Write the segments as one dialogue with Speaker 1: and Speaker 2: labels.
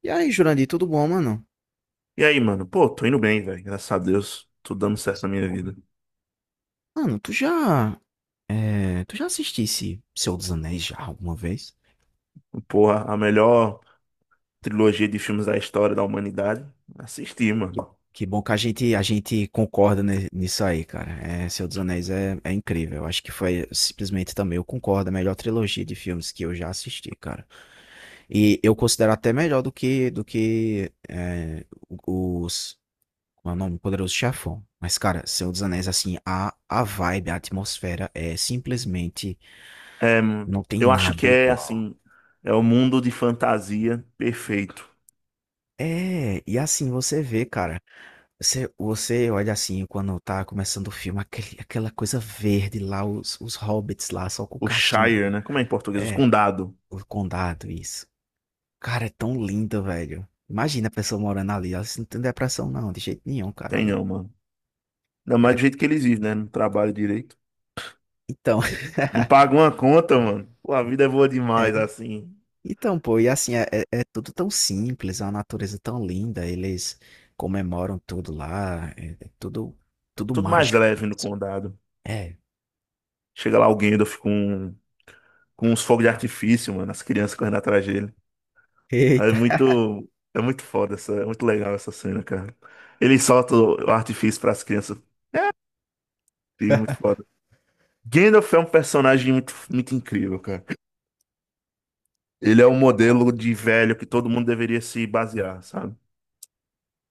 Speaker 1: E aí, Jurandir, tudo bom, mano?
Speaker 2: E aí, mano? Pô, tô indo bem, velho. Graças a Deus, tudo dando certo na
Speaker 1: Coisa
Speaker 2: minha
Speaker 1: boa.
Speaker 2: vida.
Speaker 1: Mano, tu já assistisse Senhor dos Anéis já alguma vez?
Speaker 2: Porra, a melhor trilogia de filmes da história da humanidade. Assisti, mano.
Speaker 1: Que, que bom que a gente concorda nisso aí, cara. É, Senhor dos Anéis é incrível. Eu acho que foi simplesmente também, eu concordo, a melhor trilogia de filmes que eu já assisti, cara. E eu considero até melhor do que os, como é o nome? Poderoso Chefão. Mas, cara, Senhor dos Anéis, assim, a vibe, a atmosfera é simplesmente,
Speaker 2: É, mano,
Speaker 1: não tem
Speaker 2: eu acho que
Speaker 1: nada igual.
Speaker 2: é o mundo de fantasia perfeito.
Speaker 1: É, e assim você vê, cara. Você olha assim, quando tá começando o filme, aquela coisa verde lá, os hobbits lá, só com o
Speaker 2: O
Speaker 1: cachimbo.
Speaker 2: Shire, né? Como é em português? Os
Speaker 1: É,
Speaker 2: condado.
Speaker 1: o condado, isso. Cara, é tão lindo, velho. Imagina a pessoa morando ali. Ela não tem depressão, não, de jeito nenhum, cara,
Speaker 2: Tem
Speaker 1: ali.
Speaker 2: não, mano. Ainda mais do
Speaker 1: É,
Speaker 2: jeito que eles vivem, né? Não trabalham direito.
Speaker 1: então,
Speaker 2: Não pagam uma conta, mano. Pô, a vida é boa
Speaker 1: é.
Speaker 2: demais, assim.
Speaker 1: Então, pô, e assim, é tudo tão simples, a natureza tão linda, eles comemoram tudo lá, é tudo
Speaker 2: Tudo mais
Speaker 1: mágico
Speaker 2: leve no
Speaker 1: mesmo.
Speaker 2: condado.
Speaker 1: É.
Speaker 2: Chega lá alguém, eu com uns fogos de artifício, mano. As crianças correndo atrás dele.
Speaker 1: Eita,
Speaker 2: É muito foda essa, é muito legal essa cena, cara. Ele solta o artifício para as crianças, e é muito foda. Gandalf é um personagem muito incrível, cara. Ele é
Speaker 1: eu
Speaker 2: um
Speaker 1: concordo.
Speaker 2: modelo de velho que todo mundo deveria se basear, sabe?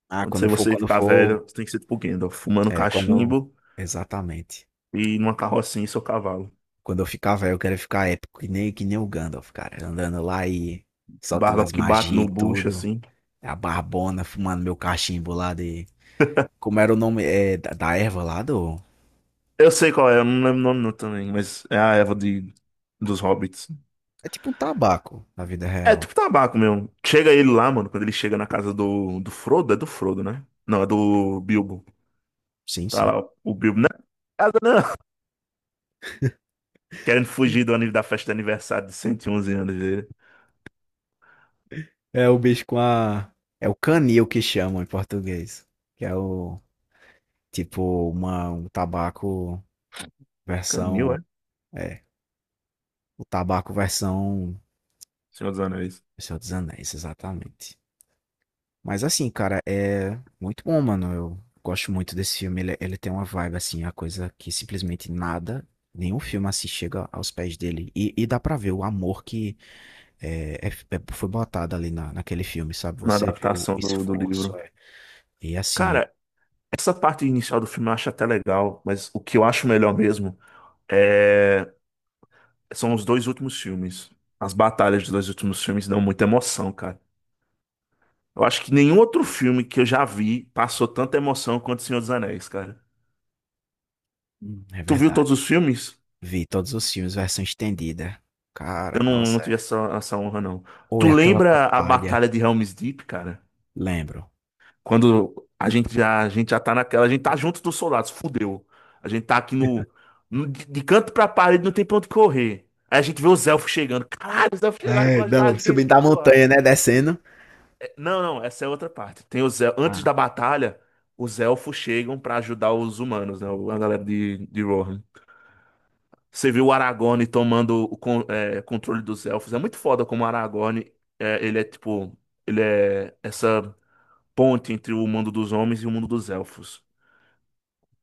Speaker 1: Ah,
Speaker 2: Quando
Speaker 1: quando
Speaker 2: você
Speaker 1: for
Speaker 2: você
Speaker 1: quando
Speaker 2: ficar
Speaker 1: for
Speaker 2: velho, você tem que ser tipo Gandalf, fumando
Speaker 1: quando,
Speaker 2: cachimbo
Speaker 1: exatamente.
Speaker 2: e numa carrocinha em seu cavalo.
Speaker 1: Quando eu ficar velho, eu quero ficar épico, que nem o Gandalf, cara, andando lá e soltando
Speaker 2: Barba
Speaker 1: as
Speaker 2: que bate
Speaker 1: magias e
Speaker 2: no bucho,
Speaker 1: tudo,
Speaker 2: assim.
Speaker 1: a barbona, fumando meu cachimbo lá de como era o nome, da erva lá do
Speaker 2: Eu sei qual é, eu não lembro o nome não também, mas é a Eva dos Hobbits.
Speaker 1: é tipo um tabaco na vida
Speaker 2: É
Speaker 1: real.
Speaker 2: tipo tabaco mesmo. Chega ele lá, mano, quando ele chega na casa do Frodo, é do Frodo, né? Não, é do Bilbo.
Speaker 1: Sim,
Speaker 2: Tá
Speaker 1: sim.
Speaker 2: lá o Bilbo, né? Casa não! Querendo fugir do aniversário da festa de aniversário de 111 anos dele.
Speaker 1: É o bicho com a. É o canil que chamam em português, que é o tipo, uma um tabaco
Speaker 2: Canil,
Speaker 1: versão
Speaker 2: é?
Speaker 1: é, versão
Speaker 2: Senhor dos Anéis.
Speaker 1: O Senhor dos Anéis, exatamente. Mas assim, cara, é muito bom, mano. Eu gosto muito desse filme. Ele tem uma vibe, assim, a coisa que simplesmente nada, nenhum filme assim chega aos pés dele. E dá pra ver o amor que foi botado ali naquele filme, sabe?
Speaker 2: Na
Speaker 1: Você vê o
Speaker 2: adaptação do
Speaker 1: esforço.
Speaker 2: livro.
Speaker 1: É. E assim,
Speaker 2: Cara, essa parte inicial do filme eu acho até legal, mas o que eu acho melhor mesmo é... são os dois últimos filmes. As batalhas dos dois últimos filmes dão muita emoção, cara. Eu acho que nenhum outro filme que eu já vi passou tanta emoção quanto O Senhor dos Anéis, cara.
Speaker 1: é
Speaker 2: Tu viu todos
Speaker 1: verdade.
Speaker 2: os filmes?
Speaker 1: Vi todos os filmes, versão estendida. Cara,
Speaker 2: Eu não, não
Speaker 1: nossa,
Speaker 2: tive
Speaker 1: é.
Speaker 2: essa honra, não.
Speaker 1: Ou
Speaker 2: Tu
Speaker 1: é aquela
Speaker 2: lembra a
Speaker 1: batalha.
Speaker 2: Batalha de Helm's Deep, cara?
Speaker 1: Lembro.
Speaker 2: Quando a gente já tá naquela, a gente tá junto dos soldados, fudeu. A gente tá aqui de canto pra parede, não tem pra onde correr. Aí a gente vê os elfos chegando. Caralho, os elfos chegaram
Speaker 1: É,
Speaker 2: pra ajudar a
Speaker 1: não, subindo
Speaker 2: gente,
Speaker 1: a
Speaker 2: porra.
Speaker 1: montanha, né? Descendo.
Speaker 2: É, não, não, essa é outra parte. Tem os elfos, antes
Speaker 1: Ah,
Speaker 2: da batalha, os elfos chegam pra ajudar os humanos, né? A galera de Rohan. Você viu o Aragorn tomando o controle dos elfos. É muito foda como o Aragorn, ele é tipo, ele é essa ponte entre o mundo dos homens e o mundo dos elfos.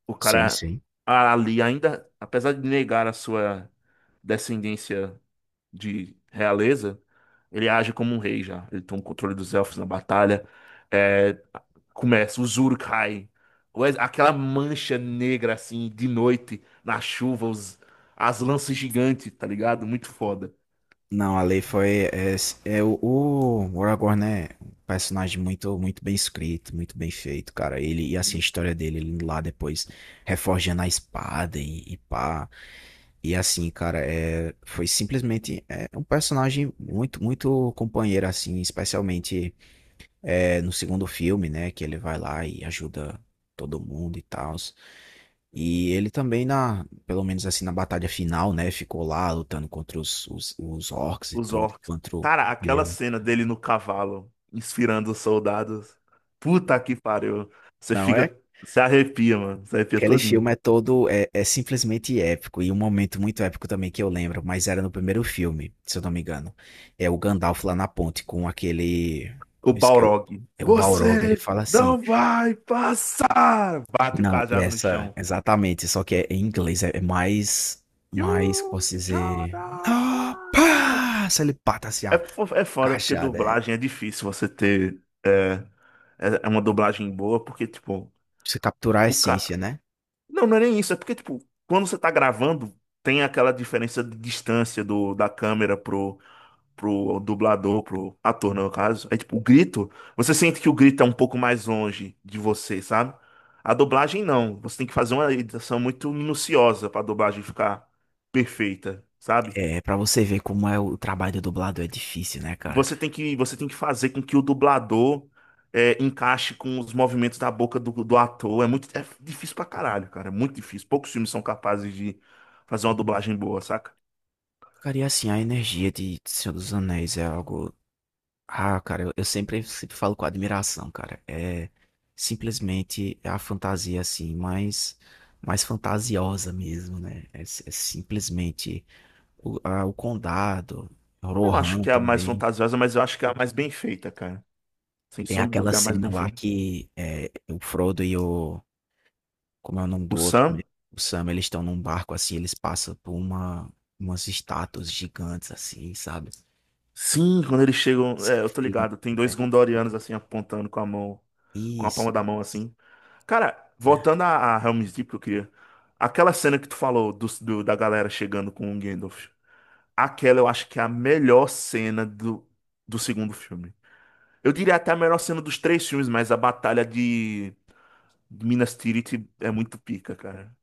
Speaker 2: O
Speaker 1: sim,
Speaker 2: cara
Speaker 1: sim.
Speaker 2: ali ainda, apesar de negar a sua descendência de realeza, ele age como um rei já. Ele toma o controle dos elfos na batalha. É, começa, o Uruk-hai. Aquela mancha negra assim, de noite, na chuva, as lanças gigantes, tá ligado? Muito foda.
Speaker 1: Não, a lei foi. É, é o Aragorn é um personagem muito, muito bem escrito, muito bem feito, cara. Ele, e assim, a
Speaker 2: Sim.
Speaker 1: história dele, ele lá depois reforjando a espada e pá. E assim, cara, foi simplesmente um personagem muito, muito companheiro, assim, especialmente. É, no segundo filme, né, que ele vai lá e ajuda todo mundo e tal. E ele também na, pelo menos assim na batalha final, né, ficou lá lutando contra os orcs e
Speaker 2: Os
Speaker 1: tudo,
Speaker 2: orcs.
Speaker 1: contra o
Speaker 2: Cara, aquela
Speaker 1: Guerra.
Speaker 2: cena dele no cavalo, inspirando os soldados. Puta que pariu. Você
Speaker 1: Não é?
Speaker 2: fica. Você arrepia, mano. Você arrepia
Speaker 1: Aquele
Speaker 2: todinho.
Speaker 1: filme é todo, é simplesmente épico, e um momento muito épico também que eu lembro, mas era no primeiro filme, se eu não me engano. É o Gandalf lá na ponte com aquele,
Speaker 2: O
Speaker 1: isso que é o,
Speaker 2: Balrog.
Speaker 1: é o Balrog, ele
Speaker 2: Você
Speaker 1: fala
Speaker 2: não
Speaker 1: assim:
Speaker 2: vai passar! Bate o
Speaker 1: não, e
Speaker 2: cajado no
Speaker 1: essa,
Speaker 2: chão.
Speaker 1: exatamente, só que é em inglês, é mais, como
Speaker 2: You
Speaker 1: posso
Speaker 2: shall
Speaker 1: dizer,
Speaker 2: not
Speaker 1: ah,
Speaker 2: pass!
Speaker 1: pá, se ele pata assim, a
Speaker 2: É foda porque
Speaker 1: cajada, pra
Speaker 2: dublagem é difícil você ter. É uma dublagem boa, porque, tipo,
Speaker 1: você capturar a
Speaker 2: o cara.
Speaker 1: essência, né?
Speaker 2: Não, não é nem isso. É porque, tipo, quando você tá gravando, tem aquela diferença de distância da câmera pro dublador, pro ator, no caso, é tipo, o grito, você sente que o grito é um pouco mais longe de você, sabe? A dublagem não, você tem que fazer uma edição muito minuciosa pra dublagem ficar perfeita, sabe?
Speaker 1: É, pra você ver como é o trabalho do dublador, é difícil, né,
Speaker 2: E
Speaker 1: cara?
Speaker 2: você tem que fazer com que o dublador encaixe com os movimentos da boca do ator. É difícil pra caralho, cara, é muito difícil. Poucos filmes são capazes de fazer uma dublagem boa, saca?
Speaker 1: Ficaria assim, a energia de Senhor dos Anéis é algo, ah, cara, eu sempre falo com admiração, cara, é simplesmente a fantasia, assim, mais fantasiosa mesmo, né? É simplesmente o Condado,
Speaker 2: Não acho
Speaker 1: Rohan
Speaker 2: que é a mais
Speaker 1: também.
Speaker 2: fantasiosa, mas eu acho que é a mais bem feita, cara. Sem
Speaker 1: Tem
Speaker 2: sombra de
Speaker 1: aquela
Speaker 2: dúvida, é a mais
Speaker 1: cena
Speaker 2: bem
Speaker 1: lá
Speaker 2: feita.
Speaker 1: que é, o Frodo e o. Como é o nome
Speaker 2: O
Speaker 1: do outro mesmo?
Speaker 2: Sam?
Speaker 1: O Sam, eles estão num barco assim, eles passam por umas estátuas gigantes assim, sabe?
Speaker 2: Sim, quando eles
Speaker 1: A
Speaker 2: chegam. É,
Speaker 1: cena
Speaker 2: eu tô
Speaker 1: foi linda,
Speaker 2: ligado, tem
Speaker 1: né?
Speaker 2: dois Gondorianos assim apontando com a mão, com a
Speaker 1: Isso,
Speaker 2: palma da mão
Speaker 1: isso.
Speaker 2: assim. Cara, voltando a Helm's Deep que eu queria. Aquela cena que tu falou da galera chegando com o Gandalf. Aquela eu acho que é a melhor cena do segundo filme. Eu diria até a melhor cena dos três filmes, mas a batalha de Minas Tirith é muito pica, cara.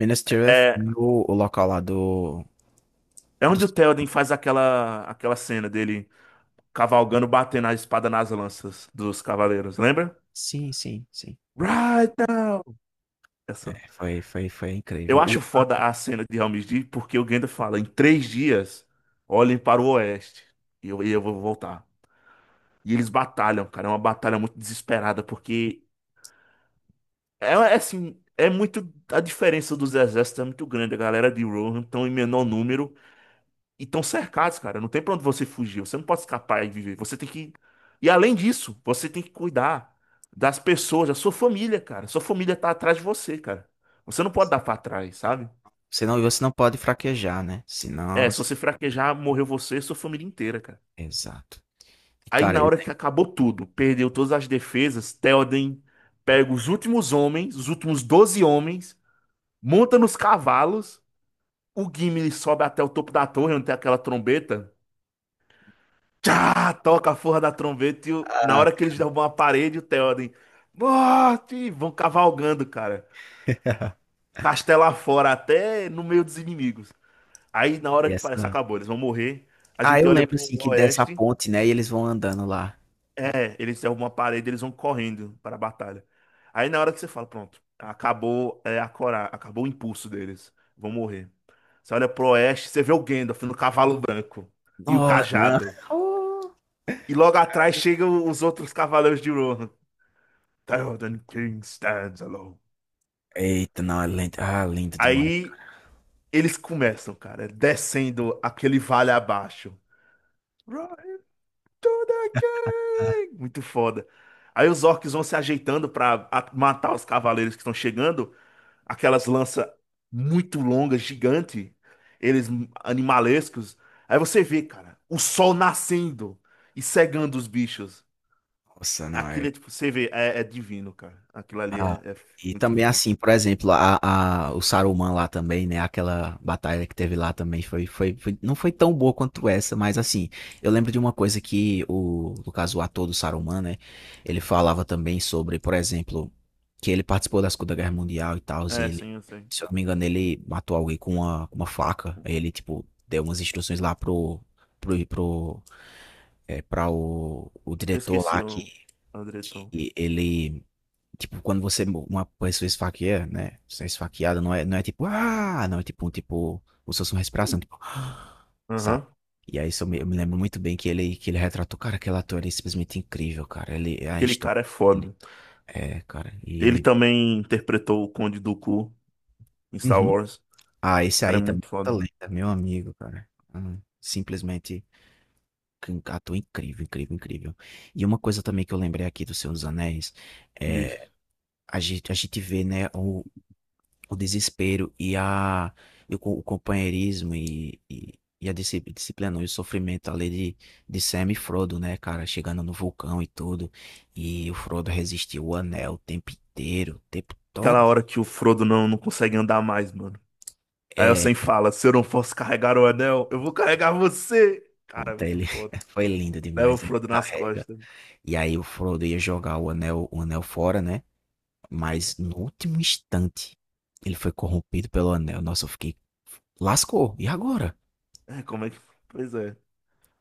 Speaker 1: Minas Tirith
Speaker 2: É,
Speaker 1: e o local lá do,
Speaker 2: é
Speaker 1: do.
Speaker 2: onde o Théoden faz aquela cena dele cavalgando, batendo a espada nas lanças dos cavaleiros, lembra?
Speaker 1: Sim, sim, sim.
Speaker 2: Right now! Essa.
Speaker 1: É, foi
Speaker 2: Eu
Speaker 1: incrível.
Speaker 2: acho foda a cena de Helm's Deep porque o Gandalf fala, em três dias, olhem para o oeste e eu vou voltar. E eles batalham, cara, é uma batalha muito desesperada porque a diferença dos exércitos é muito grande, a galera de Rohan estão em menor número e estão cercados, cara, não tem pra onde você fugir, você não pode escapar e viver, e além disso, você tem que cuidar das pessoas, da sua família, cara, sua família tá atrás de você, cara. Você não pode dar pra trás, sabe?
Speaker 1: Você não pode fraquejar, né?
Speaker 2: É,
Speaker 1: Senão.
Speaker 2: se você fraquejar, morreu você e sua família inteira, cara.
Speaker 1: Exato. E,
Speaker 2: Aí
Speaker 1: cara,
Speaker 2: na
Speaker 1: eu,
Speaker 2: hora que acabou tudo, perdeu todas as defesas, Théoden pega os últimos homens, os últimos 12 homens, monta nos cavalos, o Gimli sobe até o topo da torre, onde tem aquela trombeta. Tchá, toca a forra da trombeta na
Speaker 1: ah,
Speaker 2: hora que eles derrubam a parede, o Théoden, morte, e vão cavalgando, cara. Castelo afora, até no meio dos inimigos. Aí na hora que parece que
Speaker 1: Essa
Speaker 2: acabou, eles vão morrer, a gente
Speaker 1: eu
Speaker 2: olha
Speaker 1: lembro
Speaker 2: pro
Speaker 1: assim que dessa
Speaker 2: oeste.
Speaker 1: ponte, né, e eles vão andando lá.
Speaker 2: É, eles derrubam uma parede, eles vão correndo para a batalha. Aí na hora que você fala, pronto, acabou é, a cora, acabou o impulso deles, vão morrer. Você olha pro oeste, você vê o Gandalf no cavalo branco e o
Speaker 1: No não.
Speaker 2: cajado.
Speaker 1: Oh.
Speaker 2: E logo atrás chegam os outros cavaleiros de Rohan. Theoden King stands alone.
Speaker 1: Eita, não, é lindo. Ah, lindo demais,
Speaker 2: Aí
Speaker 1: cara.
Speaker 2: eles começam, cara, é descendo aquele vale abaixo. Right to the king! Muito foda. Aí os orcs vão se ajeitando pra matar os cavaleiros que estão chegando. Aquelas lanças muito longas, gigante, eles animalescos. Aí você vê, cara, o sol nascendo e cegando os bichos.
Speaker 1: Nossa, não,
Speaker 2: Aquilo é tipo, você vê, é, é divino, cara. Aquilo ali é,
Speaker 1: ah,
Speaker 2: é
Speaker 1: e
Speaker 2: muito
Speaker 1: também
Speaker 2: foda.
Speaker 1: assim, por exemplo, o Saruman lá também, né? Aquela batalha que teve lá também não foi tão boa quanto essa, mas assim, eu lembro de uma coisa que o, no caso, o ator do Saruman, né? Ele falava também sobre, por exemplo, que ele participou da Segunda Guerra Mundial e tal, e
Speaker 2: É,
Speaker 1: ele,
Speaker 2: sim, eu sei.
Speaker 1: se eu não me engano, ele matou alguém com uma faca. Aí ele, tipo, deu umas instruções lá pro, pro, pra o
Speaker 2: Eu
Speaker 1: diretor
Speaker 2: esqueci
Speaker 1: lá que,
Speaker 2: o Andretão.
Speaker 1: que ele. Tipo, quando você, uma pessoa esfaqueia, né? Você é esfaqueada, não é ah, não, é tipo, como se fosse respiração, tipo, "Ah", sabe?
Speaker 2: Aham.
Speaker 1: E aí isso eu me lembro muito bem que ele, retratou, cara, aquele ator ele é simplesmente incrível, cara. Ele, a
Speaker 2: Aquele cara
Speaker 1: história
Speaker 2: é
Speaker 1: dele.
Speaker 2: foda.
Speaker 1: É, cara,
Speaker 2: Ele
Speaker 1: e.
Speaker 2: também interpretou o Conde Dooku em Star
Speaker 1: Uhum.
Speaker 2: Wars. O
Speaker 1: Ah, esse
Speaker 2: cara é
Speaker 1: aí
Speaker 2: muito
Speaker 1: também é outra
Speaker 2: foda
Speaker 1: lenda, meu amigo, cara. Ah, simplesmente um ator incrível, incrível, incrível. E uma coisa também que eu lembrei aqui do Senhor dos Anéis, é,
Speaker 2: disso.
Speaker 1: a gente vê, né, o desespero e o companheirismo e a disciplina e o sofrimento ali de Sam e Frodo, né, cara, chegando no vulcão e tudo. E o Frodo resistiu o anel o tempo inteiro, o tempo todo.
Speaker 2: Aquela hora que o Frodo não, não consegue andar mais, mano. Aí o
Speaker 1: É,
Speaker 2: Sen fala: se eu não fosse carregar o anel, eu vou carregar você. Cara, é
Speaker 1: pronto,
Speaker 2: muito
Speaker 1: ele
Speaker 2: foda.
Speaker 1: foi lindo
Speaker 2: Leva o
Speaker 1: demais, ele
Speaker 2: Frodo nas
Speaker 1: carrega.
Speaker 2: costas.
Speaker 1: E aí o Frodo ia jogar o anel fora, né? Mas no último instante ele foi corrompido pelo anel. Nossa, eu fiquei lascou. E agora?
Speaker 2: É, como é que. Pois é.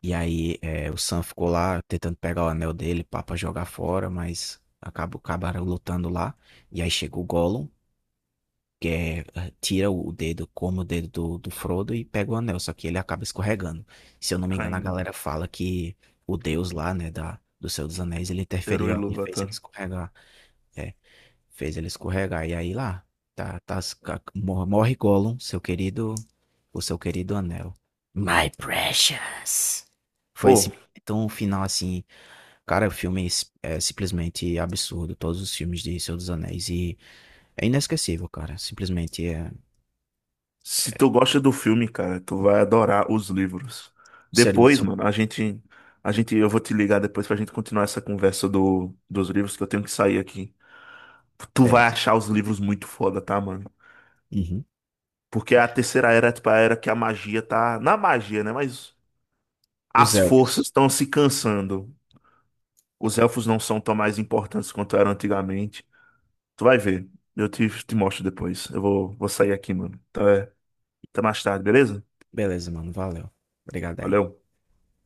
Speaker 1: E aí o Sam ficou lá tentando pegar o anel dele pra jogar fora, mas acabaram lutando lá. E aí chega o Gollum, que tira o dedo, come o dedo do Frodo e pega o anel, só que ele acaba escorregando. Se eu
Speaker 2: E
Speaker 1: não me engano, a
Speaker 2: caindo.
Speaker 1: galera fala que o Deus lá, né, do Senhor dos Anéis, ele
Speaker 2: Eru
Speaker 1: interferiu e fez ele
Speaker 2: Ilúvatar.
Speaker 1: escorregar. É, fez ele escorregar. E aí lá, tá, morre Gollum, seu querido o seu querido anel. My precious. Foi
Speaker 2: Pô,
Speaker 1: esse então, o final, assim, cara, o filme é simplesmente absurdo. Todos os filmes de Senhor dos Anéis. E é inesquecível, cara. Simplesmente é.
Speaker 2: se tu gosta do filme, cara, tu vai adorar os livros.
Speaker 1: Seria
Speaker 2: Depois,
Speaker 1: seu.
Speaker 2: mano, a gente. Eu vou te ligar depois pra gente continuar essa conversa dos livros, que eu tenho que sair aqui. Tu vai
Speaker 1: Beleza.
Speaker 2: achar os livros muito foda, tá, mano?
Speaker 1: Uhum.
Speaker 2: Porque a terceira era, é, tipo, a era que a magia tá. Na magia, né? Mas
Speaker 1: Os
Speaker 2: as forças
Speaker 1: elfos.
Speaker 2: estão se cansando. Os elfos não são tão mais importantes quanto eram antigamente. Tu vai ver. Te mostro depois. Vou sair aqui, mano. Então é, até mais tarde, beleza?
Speaker 1: Beleza, mano. Valeu. Obrigado aí.
Speaker 2: Valeu.